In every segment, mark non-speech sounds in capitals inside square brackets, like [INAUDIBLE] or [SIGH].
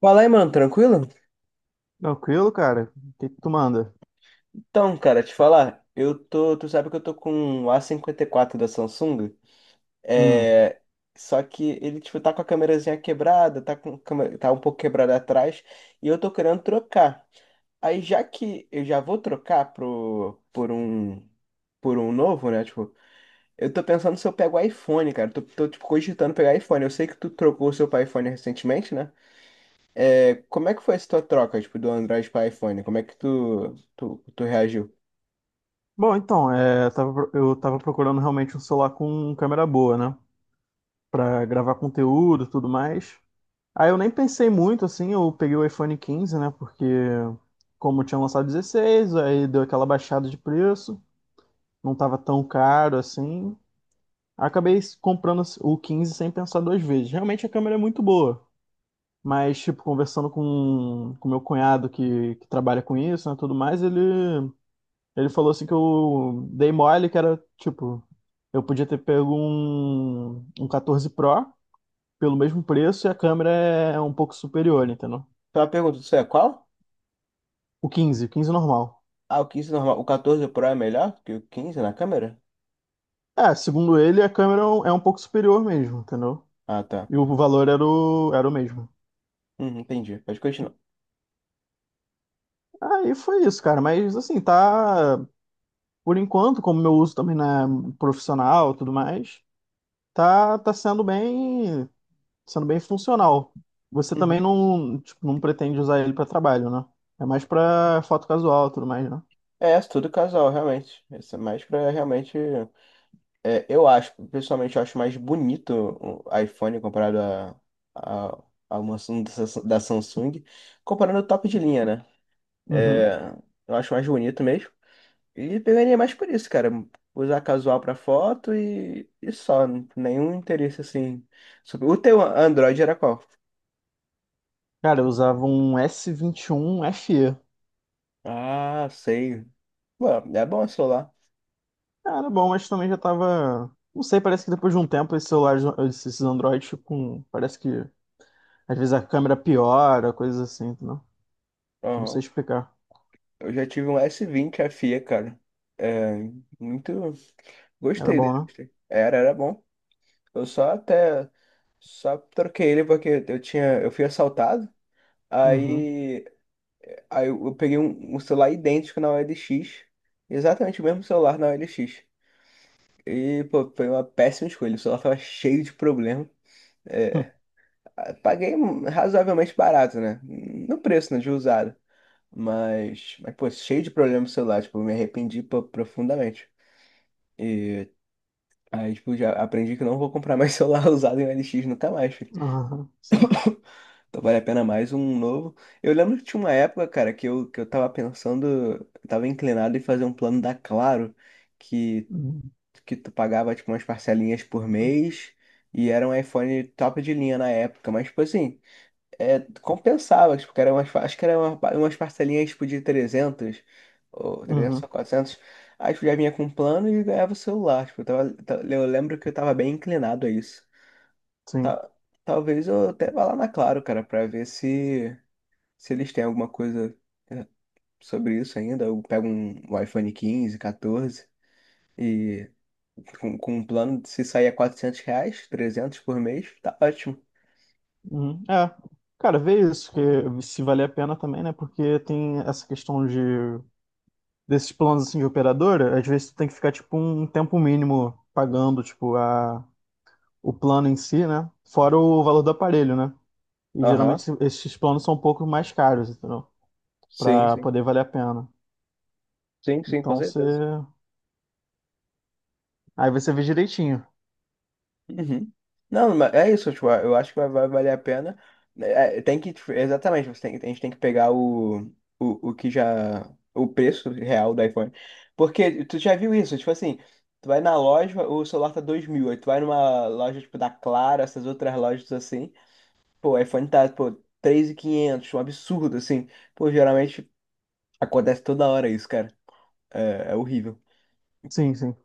Fala aí, mano, tranquilo? Tranquilo, cara? O que que tu manda? Então, cara, te falar, tu sabe que eu tô com um A54 da Samsung, Hum. é, só que ele, tipo, tá com a câmerazinha quebrada, tá um pouco quebrada atrás, e eu tô querendo trocar. Aí, já que eu já vou trocar por um novo, né, tipo, eu tô pensando se eu pego o iPhone, cara, tipo, cogitando pegar iPhone. Eu sei que tu trocou o seu pra iPhone recentemente, né, como é que foi essa tua troca, tipo, do Android pra iPhone? Como é que tu reagiu? Bom, então, é, eu tava eu tava procurando realmente um celular com câmera boa, né? Pra gravar conteúdo e tudo mais. Aí eu nem pensei muito, assim, eu peguei o iPhone 15, né? Porque como tinha lançado 16, aí deu aquela baixada de preço, não tava tão caro assim. Acabei comprando o 15 sem pensar duas vezes. Realmente a câmera é muito boa, mas, tipo, conversando com meu cunhado que trabalha com isso, né, tudo mais, ele falou assim que eu dei mole, que era tipo, eu podia ter pego um 14 Pro pelo mesmo preço e a câmera é um pouco superior, entendeu? Só uma pergunta, isso é qual? O 15, o 15 normal. Ah, o 15 normal. O 14 Pro é melhor que o 15 na câmera? É, segundo ele, a câmera é um pouco superior mesmo, entendeu? Ah, tá. E o valor era o mesmo. Uhum, entendi. Pode continuar. Aí foi isso, cara. Mas assim, tá. Por enquanto, como meu uso também não é profissional e tudo mais, tá sendo bem funcional. Você também Uhum. não, tipo, não pretende usar ele para trabalho, né? É mais para foto casual, e tudo mais, né? É, é tudo casual, realmente. Isso é mais pra realmente. Eu acho, pessoalmente, eu acho mais bonito o iPhone comparado a, a uma Samsung da Samsung, comparando o top de linha, né? Uhum. É, eu acho mais bonito mesmo. E pegaria mais por isso, cara. Usar casual pra foto só. Nenhum interesse assim. O teu Android era qual? Cara, eu usava um S21 vinte e FE. Ah, sei. Pô, é bom o celular. Cara, bom, mas também já tava. Não sei, parece que depois de um tempo esses celulares, esses Androids com. Parece que às vezes a câmera piora, coisas assim, entendeu? Não sei Aham. explicar. Eu já tive um S20 FE, cara. É, muito. Era Gostei bom, dele. né? Gostei. Era, era bom. Eu só até. Só troquei ele porque eu tinha. Eu fui assaltado. Uhum. Aí. Aí eu peguei um celular idêntico na OLX. Exatamente o mesmo celular na OLX. E, pô, foi uma péssima escolha. O celular tava cheio de problema. Hum. É, paguei razoavelmente barato, né? No preço, né, de usado. Pô, cheio de problema com celular, tipo, eu me arrependi pô, profundamente. Aí, tipo, já aprendi que não vou comprar mais [LAUGHS] celular usado em LX nunca mais, filho. [LAUGHS] Aham, sim. Então vale a pena mais um novo. Eu lembro que tinha uma época, cara, que eu tava pensando. Eu tava inclinado em fazer um plano da Claro, que, Uhum. que tu pagava, tipo, umas parcelinhas por mês, e era um iPhone top de linha na época. Mas, tipo assim, compensava, tipo, acho que era umas parcelinhas tipo, de trezentos ou Uhum. quatrocentos Aí, tipo, já vinha com um plano e ganhava o celular. Tipo, eu lembro que eu tava bem inclinado a isso. Sim. Ta- Talvez eu até vá lá na Claro, cara, pra ver se, se eles têm alguma coisa é, sobre isso ainda. Eu pego um iPhone 15 14 e com um plano de se sair a 400 reais, 300 por mês, tá ótimo. Uhum. É, cara, vê isso, que se valer a pena também, né? Porque tem essa questão de desses planos assim de operadora, às vezes tu tem que ficar tipo um tempo mínimo pagando, tipo, a, o plano em si, né? Fora o valor do aparelho, né? E geralmente Aham, esses planos são um pouco mais caros, entendeu? sim, Pra sim. poder valer a pena. Sim, sim, com Então você. certeza. Aí você vê direitinho. Uhum. Não, mas é isso, tipo, eu acho que vai valer a pena. Tem que, tipo, exatamente, você tem, a gente tem que pegar o o preço real do iPhone. Porque tu já viu isso, tipo assim, tu vai na loja, o celular tá 2.000, aí tu vai numa loja, tipo, da Clara, essas outras lojas assim, pô, o iPhone tá, pô, 3.500, um absurdo, assim. Pô, geralmente acontece toda hora isso, cara. É, é horrível. Sim, sim.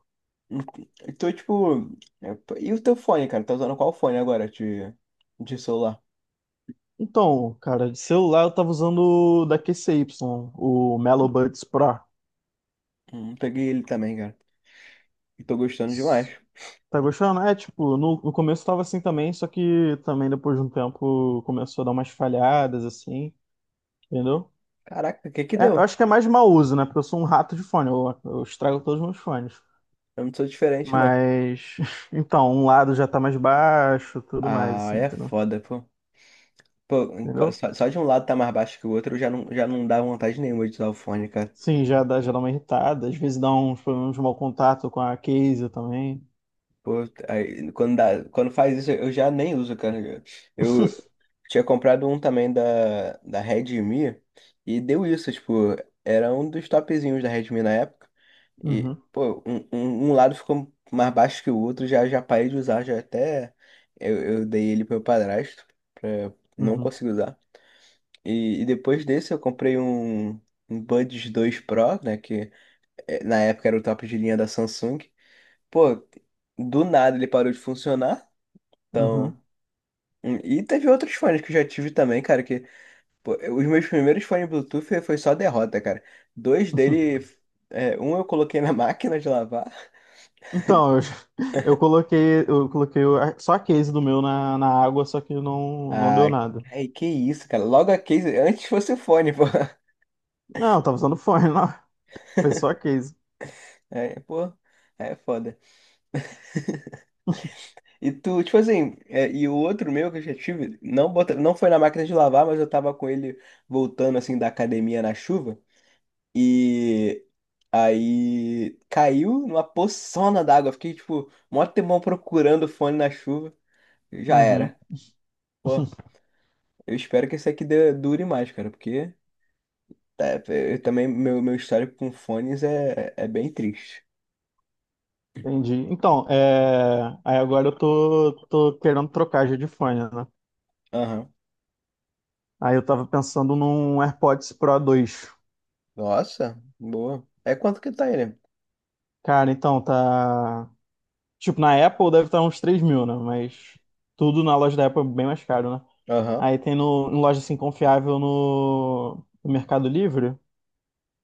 Então, tipo, e o teu fone, cara? Tá usando qual fone agora de celular? Então, cara, de celular eu tava usando o da QCY, o Melo Buds Pro. Peguei ele também, cara. E tô gostando demais. Tá gostando? É, tipo, no começo tava assim também, só que também depois de um tempo começou a dar umas falhadas, assim, entendeu? Caraca, o que que É, deu? eu acho que é mais mau uso, né? Porque eu sou um rato de fone, eu estrago todos os meus fones. Eu não sou diferente, não. Mas, [LAUGHS] então, um lado já tá mais baixo, tudo mais, Ah, assim, é entendeu? foda, pô. Pô, Entendeu? só, só de um lado tá mais baixo que o outro, já não dá vontade nenhuma de usar o fone, cara. Sim, já dá uma irritada, às vezes dá uns problemas de mau contato com a case também. Pô, aí, quando dá, quando faz isso, eu já nem uso, cara. Eu tinha comprado um também da Redmi, e deu isso, tipo, era um dos topzinhos da Redmi na época. E, Uhum, pô, um lado ficou mais baixo que o outro, já parei de usar, já até eu dei ele pro meu padrasto, pra não uhum, conseguir usar. Depois desse eu comprei um Buds 2 Pro, né, que na época era o top de linha da Samsung. Pô, do nada ele parou de funcionar, então... uhum. E teve outros fones que eu já tive também, cara, que... Pô, os meus primeiros fones Bluetooth foi só derrota, cara. Dois [LAUGHS] dele... um eu coloquei na [LAUGHS] máquina de lavar. Então, [LAUGHS] eu coloquei, só a case do meu na água, só que não deu Ah, nada. ai, que isso, cara. Logo a case, antes fosse o fone, [LAUGHS] pô. Não, eu tava usando fone, não. [LAUGHS] Foi só a case. É, pô, é foda. [LAUGHS] E tu, tipo assim, e o outro meu que eu já tive, não, bota, não foi na máquina de lavar, mas eu tava com ele voltando assim da academia na chuva. E aí caiu numa poçona d'água. Fiquei, tipo, mó tempão procurando o fone na chuva. Já Uhum, era. Pô, [LAUGHS] eu espero que esse aqui dure mais, cara, porque tá, eu também meu histórico com fones é bem triste. entendi. Então, é, aí agora eu tô querendo trocar já de fone, né? Aham. Aí eu tava pensando num AirPods Pro 2. Nossa, boa. É quanto que tá ele? Cara, então, tá. Tipo, na Apple deve estar uns 3 mil, né? Mas tudo na loja da Apple é bem mais caro, né? Aham. Aí tem no, em loja assim confiável no Mercado Livre,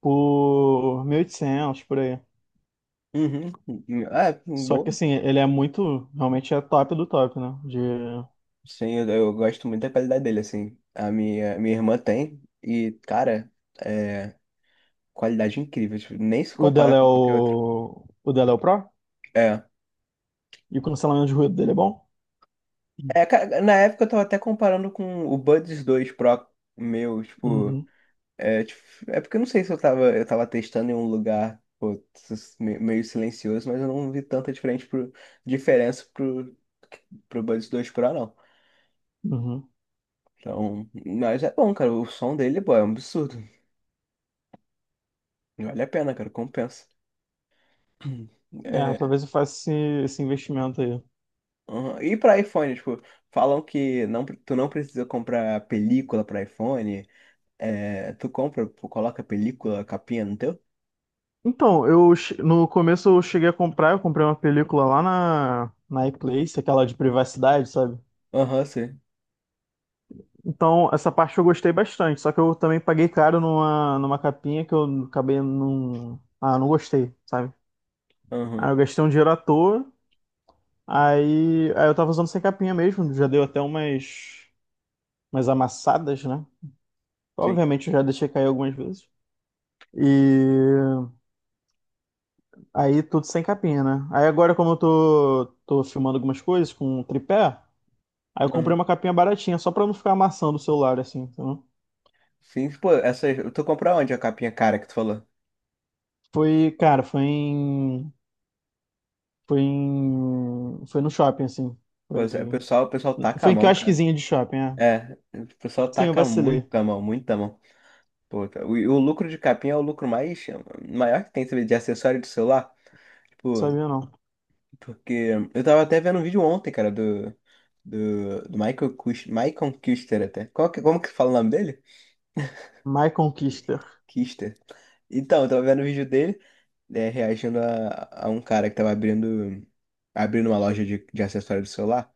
por 1.800, por aí. Uhum. Ah, é, Só boa. que assim, ele é muito, realmente é top do top, né? De... Sim, eu gosto muito da qualidade dele, assim. A minha irmã tem e, cara, é qualidade incrível. Tipo, nem se O compara dela é com qualquer outro. o... O dela é o Pro? É. E o cancelamento de ruído dele é bom? Na época eu tava até comparando com o Buds 2 Pro meu, tipo. Uhum, Tipo, é porque eu não sei se eu tava, testando em um lugar pô, meio silencioso, mas eu não vi tanta diferença pro Buds 2 Pro, não. uhum. Então, mas é bom, cara. O som dele, pô, é um absurdo. Vale a pena, cara. Compensa. [CLEARS THROAT] É, É, talvez eu faça esse investimento aí. aham. E pra iPhone, tipo, falam que não, tu não precisa comprar película pra iPhone. É, tu compra, pô, coloca película, capinha no teu? Então, eu no começo eu cheguei a comprar, eu comprei uma película lá na iPlace, aquela de privacidade, sabe? Aham, sim. Então, essa parte eu gostei bastante, só que eu também paguei caro numa capinha que eu acabei não. Ah, não gostei, sabe? Aham. Aí eu gastei um dinheiro à toa. Aí eu tava usando sem capinha mesmo. Já deu até umas amassadas, né? Obviamente eu já deixei cair algumas vezes. E aí tudo sem capinha, né? Aí agora, como eu tô filmando algumas coisas com tripé, aí eu comprei Aham. uma capinha baratinha, só pra não ficar amassando o celular, assim, entendeu? Sim, pô, essa. Tu comprou onde a capinha cara que tu falou? Foi, cara, foi em. Foi em. foi no shopping, assim. Pois é, o Foi, pessoal, o pessoal taca a foi em mão, cara. quiosquezinho de shopping, é. É, o pessoal Sim, eu taca vacilei. Não muito a mão, muito a mão. Pô, e o lucro de capinha é o lucro mais maior que tem, sabe, de acessório de celular. Tipo, sabia não. porque eu tava até vendo um vídeo ontem, cara, do Michael Kush, Michael Kuster até. Qual como que fala o nome dele? My Conquister. Kister. Então, eu tava vendo o vídeo dele, né, reagindo a um cara que tava abrindo uma loja de acessórios de celular.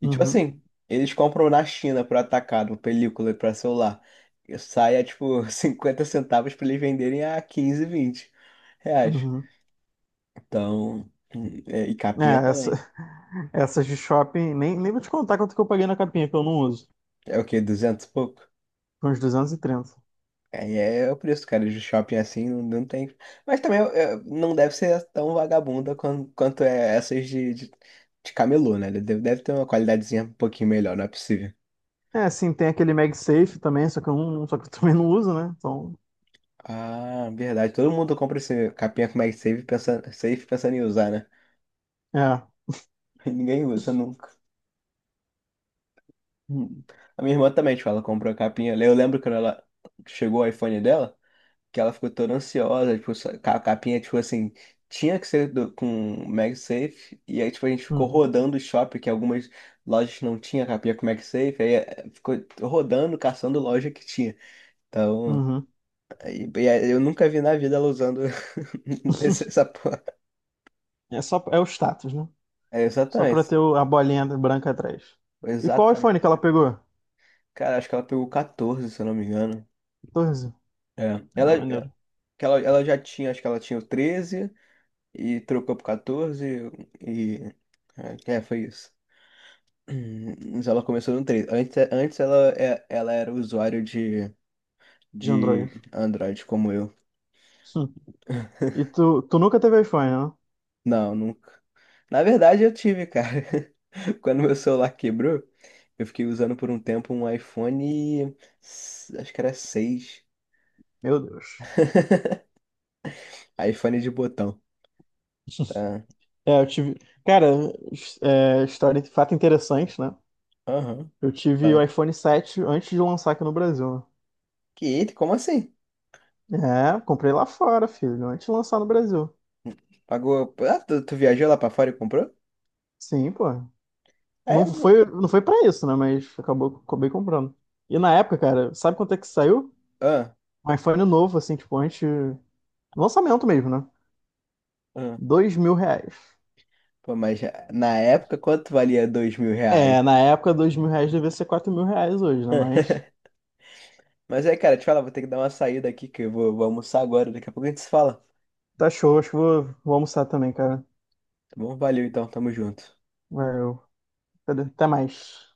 E tipo Uhum. assim, eles compram na China por atacado, película pra celular. E sai a tipo [LAUGHS] 50 centavos pra eles venderem a 15, 20 reais. Uhum. Então, e capinha É, essa, também. [LAUGHS] essas de shopping, nem vou te contar quanto que eu paguei na capinha, que eu não uso. É o quê? 200 e pouco? Foi uns 230. Aí é o preço, cara, de shopping assim, não, não tem. Mas também não deve ser tão vagabunda quanto é essas de camelô, né? Deve ter uma qualidadezinha um pouquinho melhor, não é possível. É, sim, tem aquele MagSafe também, só que eu [LAUGHS] também não uso, né? Então, Ah, verdade. Todo mundo compra esse capinha com MagSafe pensando em usar, né? é. [LAUGHS] Ninguém usa nunca. Hum. A minha irmã também, tipo, ela comprou a capinha. Eu lembro quando ela chegou o iPhone dela. Que ela ficou toda ansiosa, tipo, a capinha, tipo assim, tinha que ser com MagSafe, e aí, tipo, a gente ficou Uhum. rodando o shopping, que algumas lojas não tinha capinha com MagSafe, aí ficou rodando, caçando loja que tinha. Então, Uhum. E aí eu nunca vi na vida ela usando [LAUGHS] essa porra. É só, é o status, né? É, Só pra exatamente, ter o- a bolinha branca atrás. E qual iPhone exatamente, que ela cara. pegou? Cara, acho que ela pegou 14, se eu não me engano. 14. É. Ah, Ela, maneiro. que ela, ela já tinha, acho que ela tinha o 13 e trocou pro 14 e... É, é, foi isso. Mas ela começou no 3. Antes, antes ela, ela era usuário de, De Android. de Android como eu. Hum. E tu nunca teve iPhone, né? Não, nunca. Na verdade, eu tive, cara. [LAUGHS] Quando meu celular quebrou, eu fiquei usando por um tempo um iPhone. Acho que era 6. Meu Deus. [LAUGHS] iPhone de botão. Tá. É, eu tive. Cara, é, história, fato interessante, né? Aham. Eu tive o Tá. iPhone 7 antes de lançar aqui no Brasil, Que eita, como assim? né? É, comprei lá fora, filho, antes de lançar no Brasil. Pagou. Ah, tu viajou lá pra fora e comprou? Sim, pô. É, Não foi, não foi pra isso, né? Mas acabou, acabei comprando. E na época, cara, sabe quanto é que saiu? ah, Um iPhone novo, assim, tipo, antes. Lançamento mesmo, né? ah. R$ 2.000. Pô, mas na época, quanto valia 2.000 reais? É, na época, R$ 2.000 devia ser R$ 4.000 hoje, né? Mas [LAUGHS] Mas é, cara, te falar, vou ter que dar uma saída aqui, que eu vou almoçar agora. Daqui a pouco a gente se fala. tá show, acho que vou almoçar também, cara. Tá bom? Valeu então, tamo junto. Valeu. Até mais.